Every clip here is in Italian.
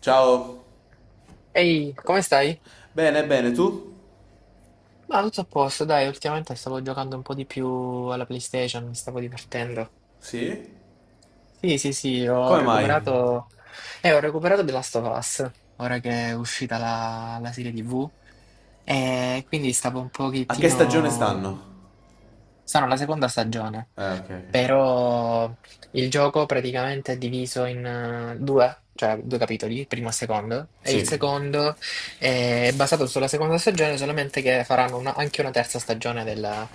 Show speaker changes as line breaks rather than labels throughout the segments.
Ciao.
Ehi, come stai?
Bene, bene, tu?
Ma tutto a posto, dai, ultimamente stavo giocando un po' di più alla PlayStation, mi stavo divertendo.
Sì?
Sì, sì, sì,
Come mai?
ho recuperato The Last of Us, ora che è uscita la serie TV, e quindi stavo un
A che stagione
pochettino.
stanno?
Sono la seconda stagione,
Ok, ok.
però il gioco praticamente è diviso in due, cioè due capitoli, primo e secondo, e
Sì.
il secondo è basato sulla seconda stagione, solamente che faranno anche una terza stagione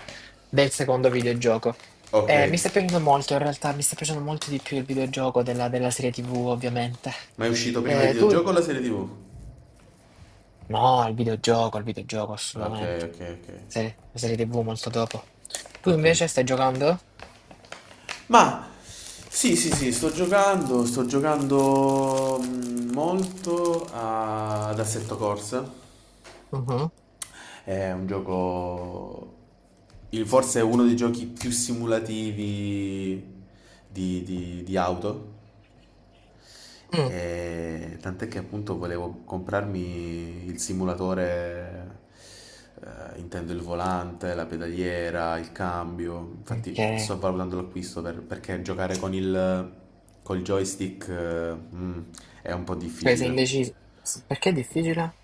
del secondo videogioco.
Ok.
Mi sta piacendo molto, in realtà mi sta piacendo molto di più il videogioco della serie TV, ovviamente.
Ma è uscito prima il
Tu?
videogioco o la serie TV?
No, il videogioco,
Ok,
assolutamente.
ok, ok.
Sì, la serie TV molto dopo. Tu
Ok.
invece stai giocando?
Ma sì, sì, sì, sto giocando molto ad Assetto Corsa.
Mhm.
È un gioco forse è uno dei giochi più simulativi di auto.
Mm.
E tant'è che appunto volevo comprarmi il simulatore, intendo il volante, la pedaliera, il cambio.
Ok,
Infatti sto valutando l'acquisto perché giocare con il col joystick, è un po'
cioè sei
difficile.
indeciso. Perché è difficile?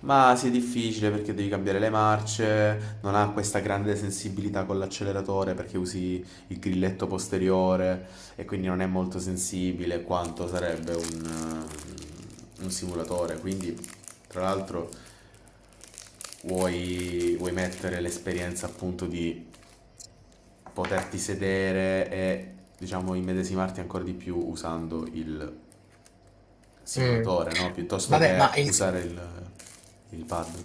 Ma sì, è difficile perché devi cambiare le marce, non ha questa grande sensibilità con l'acceleratore perché usi il grilletto posteriore e quindi non è molto sensibile quanto sarebbe un simulatore. Quindi, tra l'altro, vuoi mettere l'esperienza appunto di poterti sedere e diciamo immedesimarti ancora di più usando il
Mm.
simulatore, no? Piuttosto
Vabbè, ma
che
il, si-
usare il pad.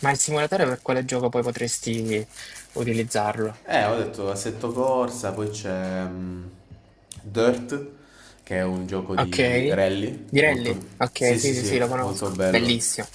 ma il simulatore per quale gioco poi potresti utilizzarlo?
Ho detto Assetto Corsa, poi c'è Dirt, che è un gioco
Ok,
di rally, molto.
Direlli? Ok,
Sì, sì,
sì, sì, sì, lo
sì, molto
conosco.
bello.
Bellissimo.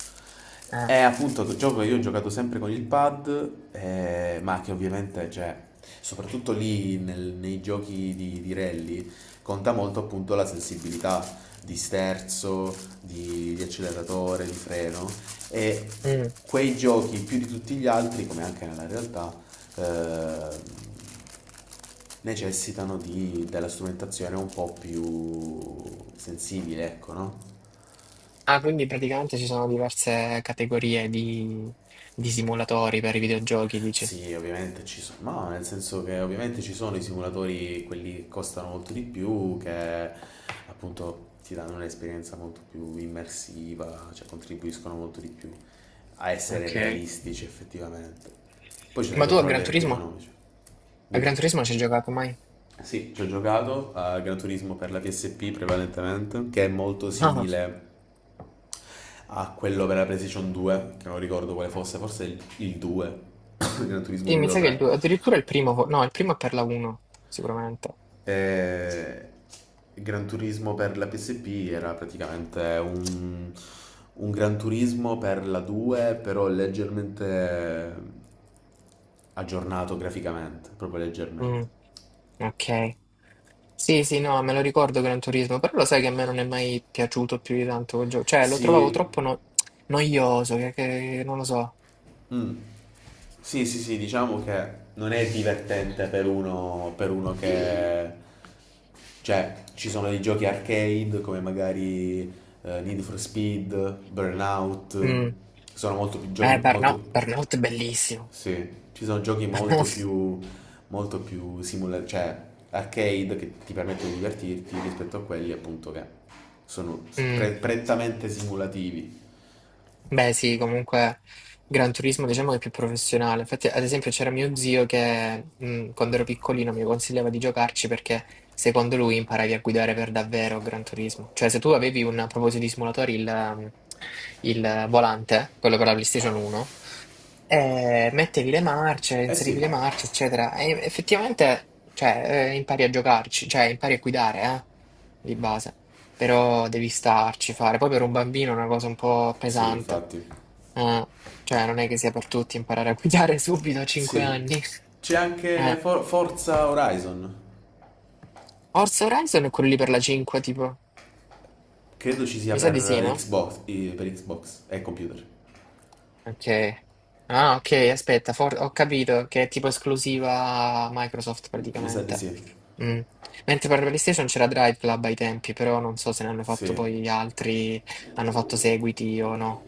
Eh.
È appunto un gioco che io ho giocato sempre con il pad, ma che ovviamente, cioè, soprattutto lì nei giochi di rally, conta molto appunto la sensibilità di sterzo, di acceleratore, di freno. E
Mm.
quei giochi, più di tutti gli altri, come anche nella realtà, eh, necessitano della strumentazione un po' più sensibile, ecco, no?
Ah, quindi praticamente ci sono diverse categorie di simulatori per i videogiochi, dici.
Sì, ovviamente ci sono, ma nel senso che ovviamente ci sono i simulatori, quelli che costano molto di più, che appunto ti danno un'esperienza molto più immersiva, cioè contribuiscono molto di più a essere
Ok.
realistici effettivamente. Poi ci sono i
Ma tu a Gran
controller più
Turismo?
economici.
A
Dimmi.
Gran Turismo non ci hai giocato mai?
Sì, ci ho giocato a Gran Turismo per la PSP prevalentemente, che è molto
No,
simile a quello per la PlayStation 2, che non ricordo quale fosse, forse il 2, Gran Turismo
sì, mi
2 o
sa che il
3.
due, addirittura il primo, no, il primo è per la 1, sicuramente.
E Gran Turismo per la PSP era praticamente un Gran Turismo per la 2, però leggermente aggiornato graficamente, proprio
Mm,
leggermente.
ok. Sì, sì, no, me lo ricordo Gran Turismo, però lo sai che a me non è mai piaciuto più di tanto quel gioco. Cioè, lo trovavo
Sì.
troppo noioso, non lo so.
Mm. Sì, sì, sì, diciamo che non è divertente per uno che. Cioè, ci sono dei giochi arcade come magari Need for Speed, Burnout,
Mm.
sono molto più giochi,
Burnout,
molto.
Burnout è bellissimo.
Sì, ci sono giochi molto più, molto più cioè arcade che ti permettono di divertirti rispetto a quelli appunto che sono
Mh.
prettamente simulativi.
Beh sì, comunque Gran Turismo diciamo che è più professionale. Infatti, ad esempio, c'era mio zio che, quando ero piccolino mi consigliava di giocarci perché secondo lui imparavi a guidare per davvero a Gran Turismo. Cioè, se tu avevi un a proposito di simulatori, il volante, quello per la PlayStation 1, mettevi le marce,
Eh sì,
inserivi le marce, eccetera. E effettivamente, cioè, impari a giocarci, cioè, impari a guidare, di base. Però devi starci, fare. Poi per un bambino è una cosa un po'
sì,
pesante.
infatti.
Eh, cioè, non è che sia per tutti imparare a guidare subito a 5
Sì.
anni.
C'è anche
Eh.
Forza Horizon.
Forza Horizon è quello lì per la 5, tipo.
Credo ci sia
Mi sa di sì,
per
no?
Xbox, eh, per Xbox e computer.
Ok. Ah, ok, aspetta, ho capito che è tipo esclusiva Microsoft
Mi sa di
praticamente.
sì.
Mm. Mentre per PlayStation c'era Drive Club ai tempi, però non so se ne hanno fatto
Sì.
poi altri, hanno fatto seguiti o no.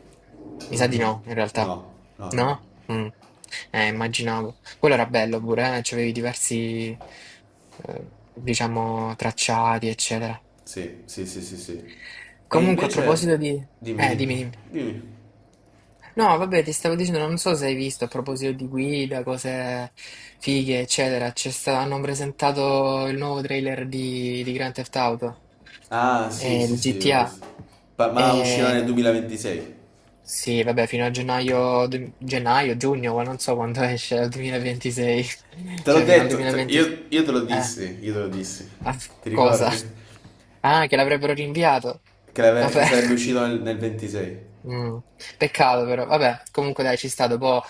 Mi sa di
Mm-mm.
no, in realtà.
No, no, no. No.
No? Mm. Immaginavo. Quello era bello pure, eh? C'avevi diversi, diciamo, tracciati, eccetera.
Sì, sì, sì, sì, sì. E
Comunque, a
invece,
proposito di.
dimmi, dimmi,
Dimmi, dimmi.
dimmi.
No, vabbè, ti stavo dicendo, non so se hai visto a proposito di guida, cose fighe, eccetera. Hanno presentato il nuovo trailer di Grand Theft Auto,
Ah, sì, sì,
di
sì, l'ho
GTA.
visto. Ma uscirà nel
E.
2026.
Sì, vabbè, fino a gennaio, gennaio, giugno, ma non so quando esce, al 2026.
Te l'ho
Cioè, fino al
detto,
2026.
io te lo
Eh,
dissi, io te lo dissi.
ah,
Ti
cosa?
ricordi?
Ah, che l'avrebbero rinviato.
Che
Vabbè.
sarebbe uscito nel 26.
Mm, Peccato però, vabbè, comunque dai, ci sta, dopo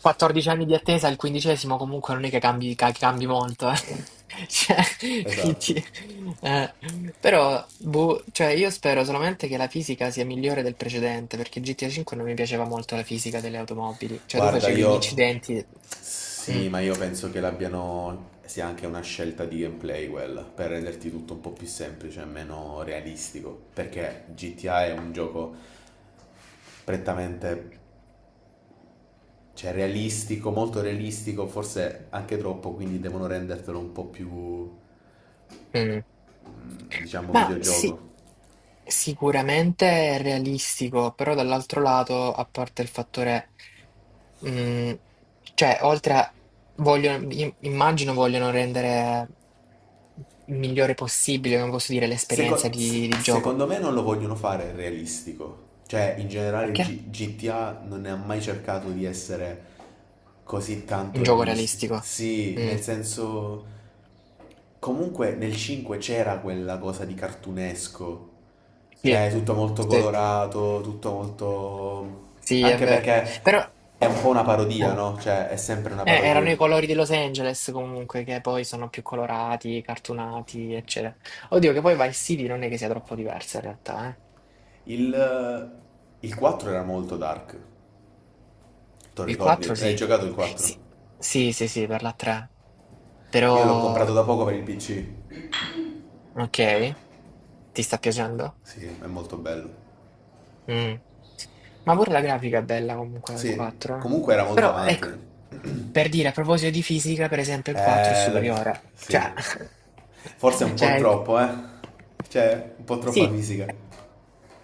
14 anni di attesa, il quindicesimo comunque non è che cambi, cambi molto, eh. Cioè,
Esatto.
quindi, eh, però, boh, cioè, io spero solamente che la fisica sia migliore del precedente, perché GTA 5 non mi piaceva molto la fisica delle automobili, cioè tu
Guarda,
facevi gli
io
incidenti. Mm,
sì, ma io penso che l'abbiano sia anche una scelta di gameplay quella, per renderti tutto un po' più semplice e meno realistico, perché GTA è un gioco prettamente, cioè, realistico, molto realistico, forse anche troppo, quindi devono rendertelo un po' più,
mm.
diciamo,
Ma sì,
videogioco.
sicuramente è realistico, però dall'altro lato, a parte il fattore, mh, cioè, oltre a, vogliono, immagino vogliono rendere il migliore possibile, come posso dire, l'esperienza
Seco- se-
di gioco.
secondo me non lo vogliono fare realistico. Cioè, in generale il
Perché?
GTA non ne ha mai cercato di essere così
Un
tanto
gioco
realistico.
realistico.
Sì,
Mm,
nel senso. Comunque nel 5 c'era quella cosa di cartunesco.
sì,
Cioè, tutto molto
sì,
colorato, tutto molto.
sì, è
Anche
vero.
perché
Però,
è un po' una parodia,
eh,
no? Cioè, è sempre una parodia.
erano i colori di Los Angeles comunque, che poi sono più colorati, cartunati, eccetera. Oddio, che poi Vice City non è che sia troppo diversa in realtà, eh.
Il, il 4 era molto dark. Te lo
Il 4
ricordi? L'hai
sì.
giocato il 4?
Sì, sì, sì, sì, per la 3.
Io l'ho
Però,
comprato da poco per il PC.
ok, ti sta piacendo?
Sì, è molto bello.
Mm. Ma pure la grafica è bella comunque del
Sì,
4, eh.
comunque era molto
Però,
avanti.
ecco, per dire, a proposito di fisica, per esempio, il 4 è
Eh, la...
superiore. Cioè,
sì. Forse un
cioè,
po' troppo, eh. Cioè, un po' troppa
sì,
fisica.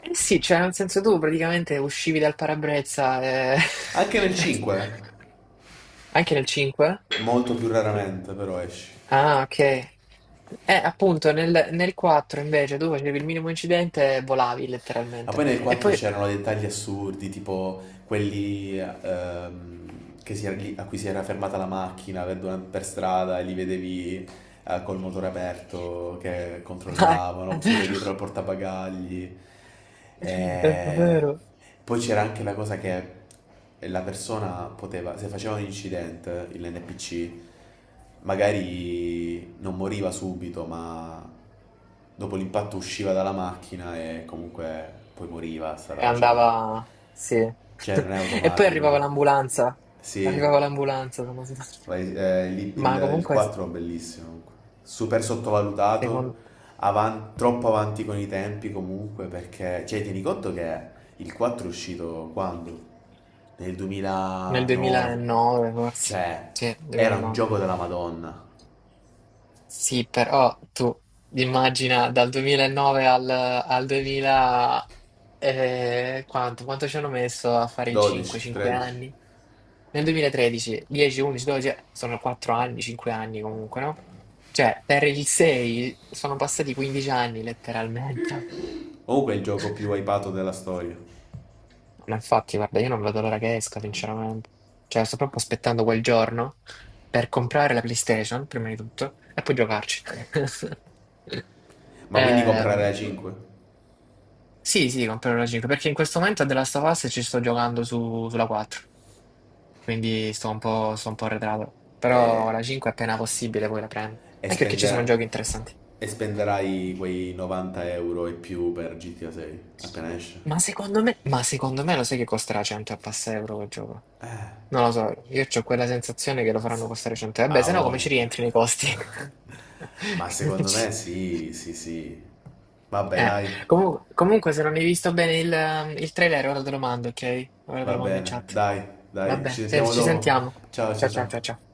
eh sì, cioè, nel senso tu praticamente uscivi dal parabrezza e.
Anche nel 5,
Anche nel 5?
molto più raramente, però esci.
Ah, ok. Appunto, nel 4 invece, dove facevi il minimo incidente, volavi
Ma
letteralmente.
poi nel
E
4
poi.
c'erano dettagli assurdi, tipo quelli a cui si era fermata la macchina per strada e li vedevi col motore aperto che
Ah,
controllavano,
è
oppure
vero,
dietro al portabagagli.
è
E
vero.
poi c'era anche la cosa che la persona poteva, se faceva un incidente, l'NPC, magari non moriva subito, ma dopo l'impatto usciva dalla macchina e comunque poi moriva, stata
E andava.
facendo.
Sì.
Cioè, non è
E poi
automatico.
arrivava
Eh?
l'ambulanza.
Sì.
Arrivava l'ambulanza, se non sbaglio.
Vai- eh, il,
Ma
il- il
comunque,
4 è bellissimo, comunque. Super sottovalutato,
secondo.
troppo avanti con i tempi comunque, perché, cioè, tieni conto che il 4 è uscito quando? Nel
Nel
2009,
2009, forse.
cioè,
Sì,
era un
2009.
gioco della Madonna,
Sì, però tu immagina dal 2009 al 2000, quanto ci hanno messo a fare il 5?
12,
5
13,
anni? Nel 2013, 10, 11, 12, sono 4 anni, 5 anni comunque, no? Cioè, per il 6 sono passati 15 anni letteralmente.
comunque è il gioco più hypato della storia,
No, ma infatti, guarda, io non vedo l'ora che esca, sinceramente. Cioè, sto proprio aspettando quel giorno per comprare la PlayStation, prima di tutto, e poi giocarci.
ma quindi comprare
Ehm,
la 5
sì, sì, comprerò la 5, perché in questo momento a The Last of Us ci sto giocando sulla 4. Quindi sto un po' arretrato. Però
è...
la 5 appena possibile poi la prendo.
E,
Anche perché ci sono
spendera-
giochi interessanti.
e spenderai quei 90 euro e più per GTA 6 appena esce?
Ma secondo me lo sai che costerà 100 e passa euro quel gioco? Non lo so, io ho quella sensazione che lo faranno
S-
costare 100. Vabbè,
Ha
se no come ci
voglia.
rientri nei costi?
Ma
Non
secondo
ci-.
me sì, sì, sì. Vabbè,
Eh,
dai,
Comunque, se non hai visto bene il trailer, ora te lo mando, ok? Ora te
va
lo mando in
bene,
chat.
dai, dai, ci
Vabbè, senti,
sentiamo
ci
dopo.
sentiamo.
Ciao, ciao,
Ciao ciao ciao
ciao.
ciao.